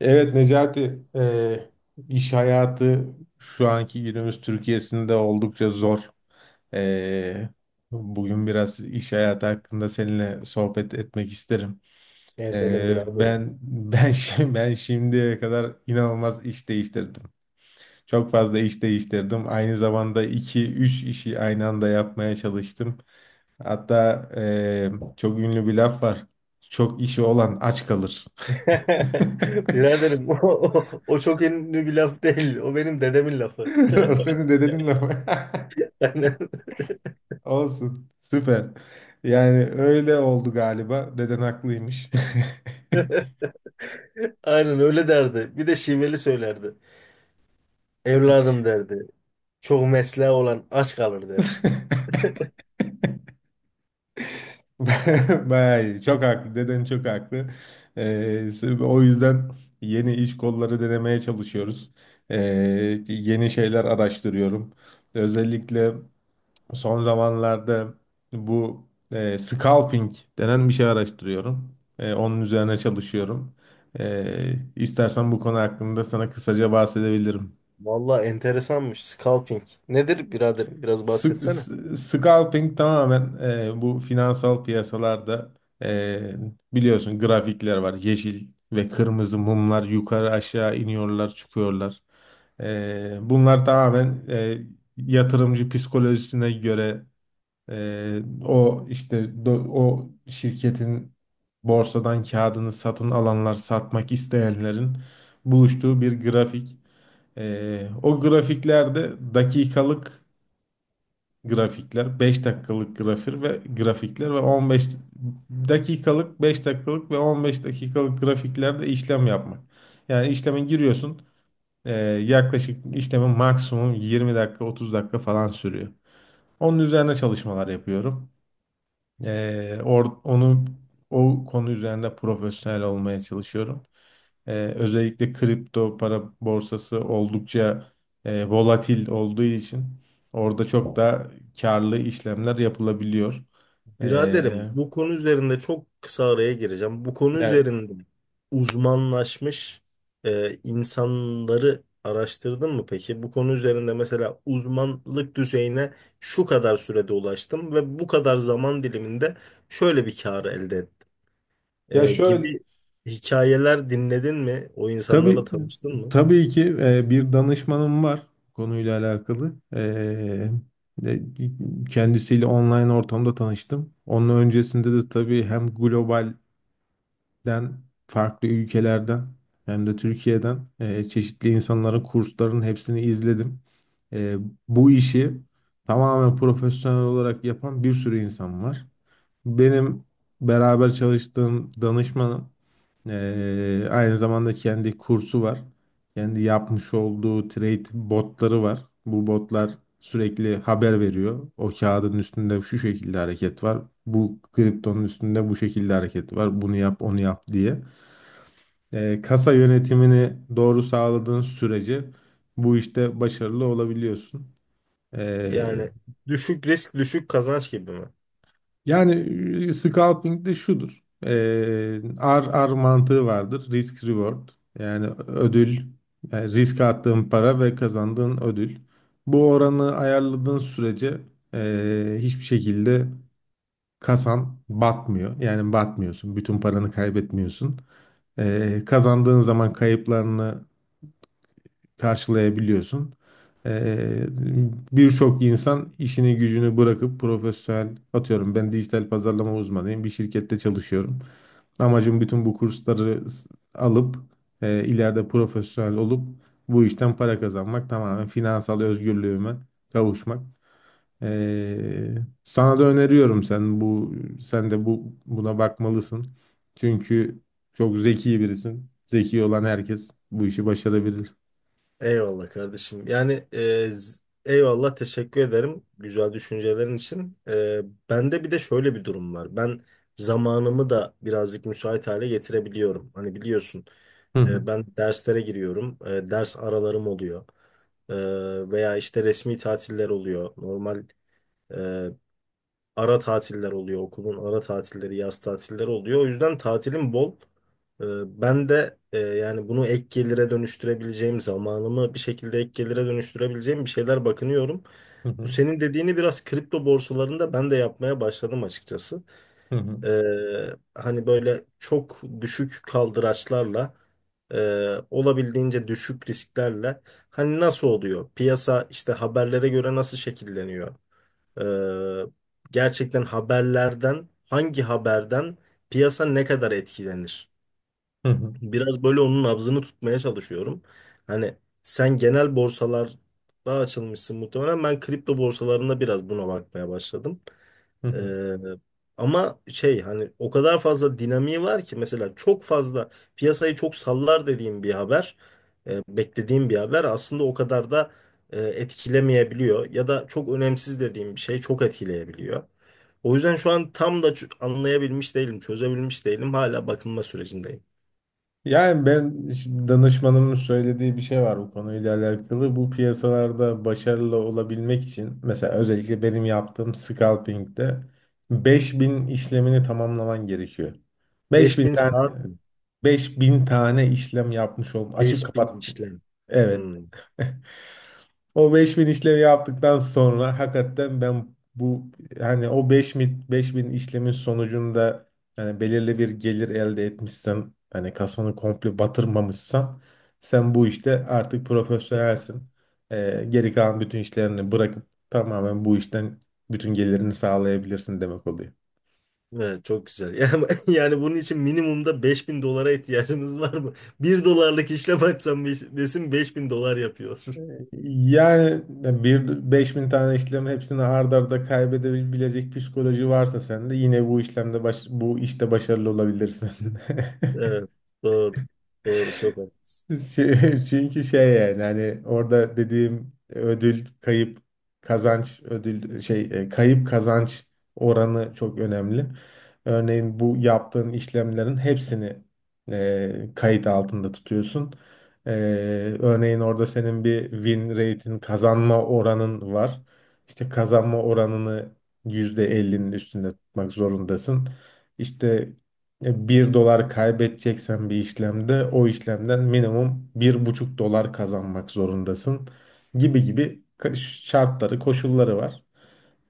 Evet Necati, iş hayatı şu anki günümüz Türkiye'sinde oldukça zor. E, Bugün biraz iş hayatı hakkında seninle sohbet etmek isterim. Edelim E, biraderim. ben ben ben şimdiye kadar inanılmaz iş değiştirdim. Çok fazla iş değiştirdim. Aynı zamanda iki üç işi aynı anda yapmaya çalıştım. Hatta çok ünlü bir laf var. Çok işi olan aç kalır. Biraderim o, o, o çok ünlü bir laf değil. O benim dedemin lafı. O senin dedenin lafı. Aynen. Olsun. Süper. Yani öyle oldu galiba. Deden haklıymış. Aynen öyle derdi. Bir de şiveli söylerdi. Evladım derdi. Çok mesleği olan aç kalır derdi. Bayağı iyi. Çok haklı. Deden çok haklı. Sırf o yüzden yeni iş kolları denemeye çalışıyoruz. Ee, Yeni şeyler araştırıyorum. Özellikle son zamanlarda bu scalping denen bir şey araştırıyorum. Onun üzerine çalışıyorum. İstersen bu konu hakkında sana kısaca bahsedebilirim. Vallahi enteresanmış. Scalping. Nedir biraderim? Biraz bahsetsene. Scalping tamamen, bu finansal piyasalarda, e, biliyorsun, grafikler var. Yeşil ve kırmızı mumlar yukarı aşağı iniyorlar çıkıyorlar. Bunlar tamamen, yatırımcı psikolojisine göre, Ee, o işte, o şirketin borsadan kağıdını satın alanlar, satmak isteyenlerin buluştuğu bir grafik. O grafiklerde dakikalık grafikler, 5 dakikalık grafik ve grafikler ve 15 dakikalık, 5 dakikalık ve 15 dakikalık grafiklerde işlem yapmak. Yani işleme giriyorsun. Yaklaşık işlemin maksimum 20 dakika, 30 dakika falan sürüyor. Onun üzerine çalışmalar yapıyorum. Or- onu O konu üzerinde profesyonel olmaya çalışıyorum. Özellikle kripto para borsası oldukça volatil olduğu için orada çok da karlı işlemler yapılabiliyor. Biraderim, Ee, bu konu üzerinde çok kısa araya gireceğim. Bu konu Ya, üzerinde uzmanlaşmış insanları araştırdın mı peki? Bu konu üzerinde mesela uzmanlık düzeyine şu kadar sürede ulaştım ve bu kadar zaman diliminde şöyle bir kar elde ettim ya şöyle, gibi hikayeler dinledin mi? O insanlarla tabii tanıştın mı? tabii ki bir danışmanım var konuyla alakalı. E, Kendisiyle online ortamda tanıştım. Onun öncesinde de tabii hem global den farklı ülkelerden hem de Türkiye'den çeşitli insanların kurslarının hepsini izledim. E, Bu işi tamamen profesyonel olarak yapan bir sürü insan var. Benim beraber çalıştığım danışmanım, aynı zamanda kendi kursu var. Kendi yapmış olduğu trade botları var. Bu botlar sürekli haber veriyor. O kağıdın üstünde şu şekilde hareket var. Bu kriptonun üstünde bu şekilde hareket var. Bunu yap, onu yap diye. Kasa yönetimini doğru sağladığın sürece bu işte başarılı olabiliyorsun. E, Yani düşük risk düşük kazanç gibi mi? Yani, scalping de şudur. RR mantığı vardır. Risk reward. Yani ödül, yani risk attığın para ve kazandığın ödül. Bu oranı ayarladığın sürece, hiçbir şekilde kasan batmıyor. Yani batmıyorsun. Bütün paranı kaybetmiyorsun. Kazandığın zaman kayıplarını karşılayabiliyorsun. Ee, Birçok insan işini gücünü bırakıp profesyonel, atıyorum, ben dijital pazarlama uzmanıyım, bir şirkette çalışıyorum. Amacım bütün bu kursları alıp, ileride profesyonel olup bu işten para kazanmak, tamamen finansal özgürlüğüme kavuşmak. Ee, Sana da öneriyorum, sen de buna bakmalısın. Çünkü çok zeki birisin. Zeki olan herkes bu işi başarabilir. Eyvallah kardeşim. Yani eyvallah, teşekkür ederim güzel düşüncelerin için. Bende bir de şöyle bir durum var. Ben zamanımı da birazcık müsait hale getirebiliyorum. Hani biliyorsun, Hı hı. Ben derslere giriyorum. E, ders aralarım oluyor. E, Veya işte resmi tatiller oluyor. Normal, e, ara tatiller oluyor, okulun ara tatilleri, yaz tatilleri oluyor. O yüzden tatilim bol. Ee, Ben de yani bunu ek gelire dönüştürebileceğim, zamanımı bir şekilde ek gelire dönüştürebileceğim bir şeyler bakınıyorum. Hı Bu hı, senin dediğini, biraz kripto borsalarında ben de yapmaya başladım açıkçası. hı hı, Ee, Hani böyle çok düşük kaldıraçlarla, e, olabildiğince düşük risklerle hani nasıl oluyor? Piyasa işte haberlere göre nasıl şekilleniyor? Ee, Gerçekten haberlerden, hangi haberden piyasa ne kadar etkilenir? hı hı, Biraz böyle onun nabzını tutmaya çalışıyorum. Hani sen genel borsalarda açılmışsın muhtemelen. Ben kripto borsalarında biraz buna bakmaya başladım. hı hı. Ee, Ama şey, hani o kadar fazla dinamiği var ki, mesela çok fazla piyasayı çok sallar dediğim bir haber, beklediğim bir haber aslında o kadar da etkilemeyebiliyor ya da çok önemsiz dediğim bir şey çok etkileyebiliyor. O yüzden şu an tam da anlayabilmiş değilim, çözebilmiş değilim. Hala bakınma sürecindeyim. Yani ben şimdi danışmanımın söylediği bir şey var bu konuyla alakalı. Bu piyasalarda başarılı olabilmek için mesela özellikle benim yaptığım scalping'de 5.000 işlemini tamamlaman gerekiyor. 5000 5000 tane saat mi? 5000 tane işlem yapmış ol. Açıp 5000 kapat. işlem. Evet. Hmm. O 5.000 işlemi yaptıktan sonra hakikaten ben bu, hani o beş bin işlemin sonucunda, yani belirli bir gelir elde etmişsen, hani kasanı komple batırmamışsan, sen bu işte artık profesyonelsin. Geri kalan bütün işlerini bırakıp tamamen bu işten bütün gelirini sağlayabilirsin demek oluyor. Evet, çok güzel. Yani, yani bunun için minimumda 5000 dolara ihtiyacımız var mı? Bir dolarlık işlem açsam beş- besin 5000 dolar yapıyor. Yani bir 5.000 tane işlem hepsini ard arda kaybedebilecek psikoloji varsa sende, yine bu işlemde bu işte başarılı olabilirsin. Evet, doğru. Doğru, çok haklısın. Çünkü şey, yani hani orada dediğim ödül kayıp kazanç ödül şey kayıp kazanç oranı çok önemli. Örneğin bu yaptığın işlemlerin hepsini kayıt altında tutuyorsun. E, Örneğin orada senin bir win rate'in, kazanma oranın var. İşte kazanma oranını %50'nin üstünde tutmak zorundasın. İşte 1 dolar kaybedeceksen bir işlemde, o işlemden minimum 1,5 dolar kazanmak zorundasın, gibi gibi şartları, koşulları var.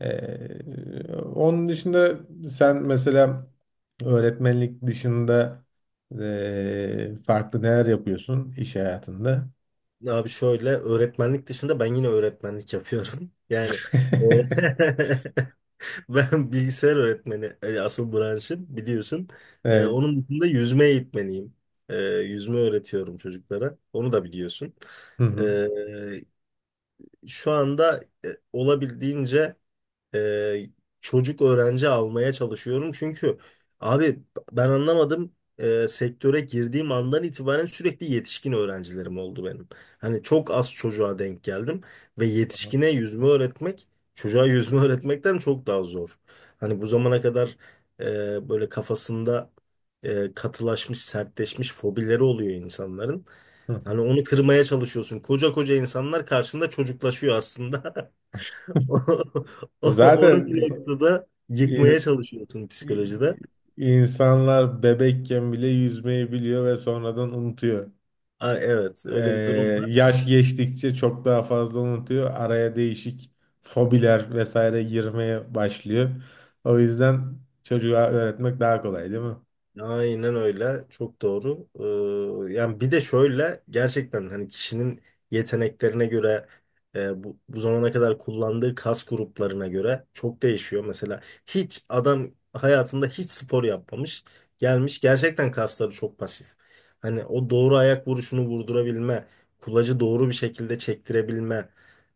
Onun dışında sen, mesela öğretmenlik dışında, farklı neler yapıyorsun iş hayatında? Abi şöyle, öğretmenlik dışında ben yine öğretmenlik yapıyorum. Yani, e, ben bilgisayar öğretmeni, asıl branşım, biliyorsun. E, Evet. onun dışında yüzme eğitmeniyim. E, yüzme öğretiyorum çocuklara. Onu da biliyorsun. Hı hı. E, Şu anda olabildiğince e, çocuk öğrenci almaya çalışıyorum. Çünkü abi, ben anlamadım, sektöre girdiğim andan itibaren sürekli yetişkin öğrencilerim oldu benim. Hani çok az çocuğa denk geldim ve Tamam. yetişkine yüzme öğretmek, çocuğa yüzme öğretmekten çok daha zor. Hani bu zamana kadar böyle kafasında katılaşmış, sertleşmiş fobileri oluyor insanların. Hı hı. Hani onu kırmaya çalışıyorsun. Koca koca insanlar karşında çocuklaşıyor aslında. Onu Zaten bir noktada yıkmaya ins- çalışıyorsun, psikolojide. insanlar bebekken bile yüzmeyi biliyor ve sonradan unutuyor. Aa, evet Ee, öyle bir durum. Yaş geçtikçe çok daha fazla unutuyor. Araya değişik fobiler vesaire girmeye başlıyor. O yüzden çocuğa öğretmek daha kolay, değil mi? Aynen öyle. Çok doğru. Yani bir de şöyle, gerçekten hani kişinin yeteneklerine göre, bu zamana kadar kullandığı kas gruplarına göre çok değişiyor. Mesela hiç adam hayatında hiç spor yapmamış, gelmiş, gerçekten kasları çok pasif. Hani o doğru ayak vuruşunu vurdurabilme, kulacı doğru bir şekilde çektirebilme,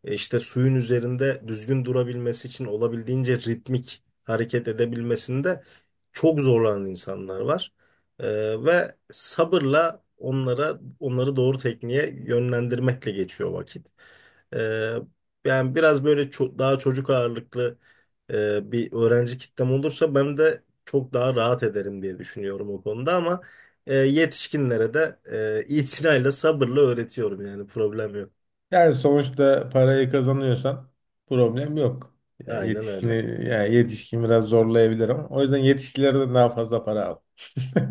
işte suyun üzerinde düzgün durabilmesi için olabildiğince ritmik hareket edebilmesinde çok zorlanan insanlar var. Ve sabırla onları doğru tekniğe yönlendirmekle geçiyor vakit. Ee, Yani biraz böyle, daha çocuk ağırlıklı bir öğrenci kitlem olursa ben de çok daha rahat ederim diye düşünüyorum o konuda, ama yetişkinlere de itinayla, sabırla öğretiyorum, yani problem yok. Yani sonuçta parayı kazanıyorsan problem yok. Yani Aynen öyle. yetişkini, yani yetişkin biraz zorlayabilir, ama o yüzden yetişkilerden daha fazla para al.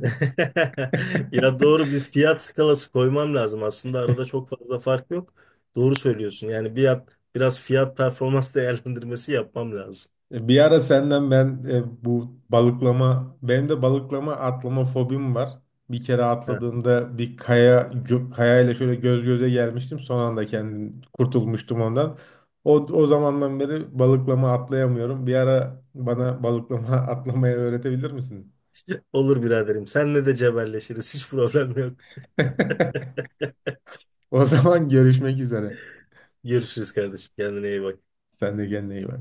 Ya, doğru bir fiyat skalası koymam lazım. Aslında arada çok fazla fark yok. Doğru söylüyorsun. Yani biraz fiyat performans değerlendirmesi yapmam lazım. Bir ara senden ben, bu balıklama, benim de balıklama atlama fobim var. Bir kere Ha. atladığımda bir kaya kayayla şöyle göz göze gelmiştim. Son anda kendim kurtulmuştum ondan. O zamandan beri balıklama atlayamıyorum. Bir ara bana balıklama atlamayı öğretebilir misin? Olur biraderim. Seninle de cebelleşiriz. Hiç problem yok. O zaman görüşmek üzere. Görüşürüz kardeşim. Kendine iyi bak. Sen de kendine iyi bak.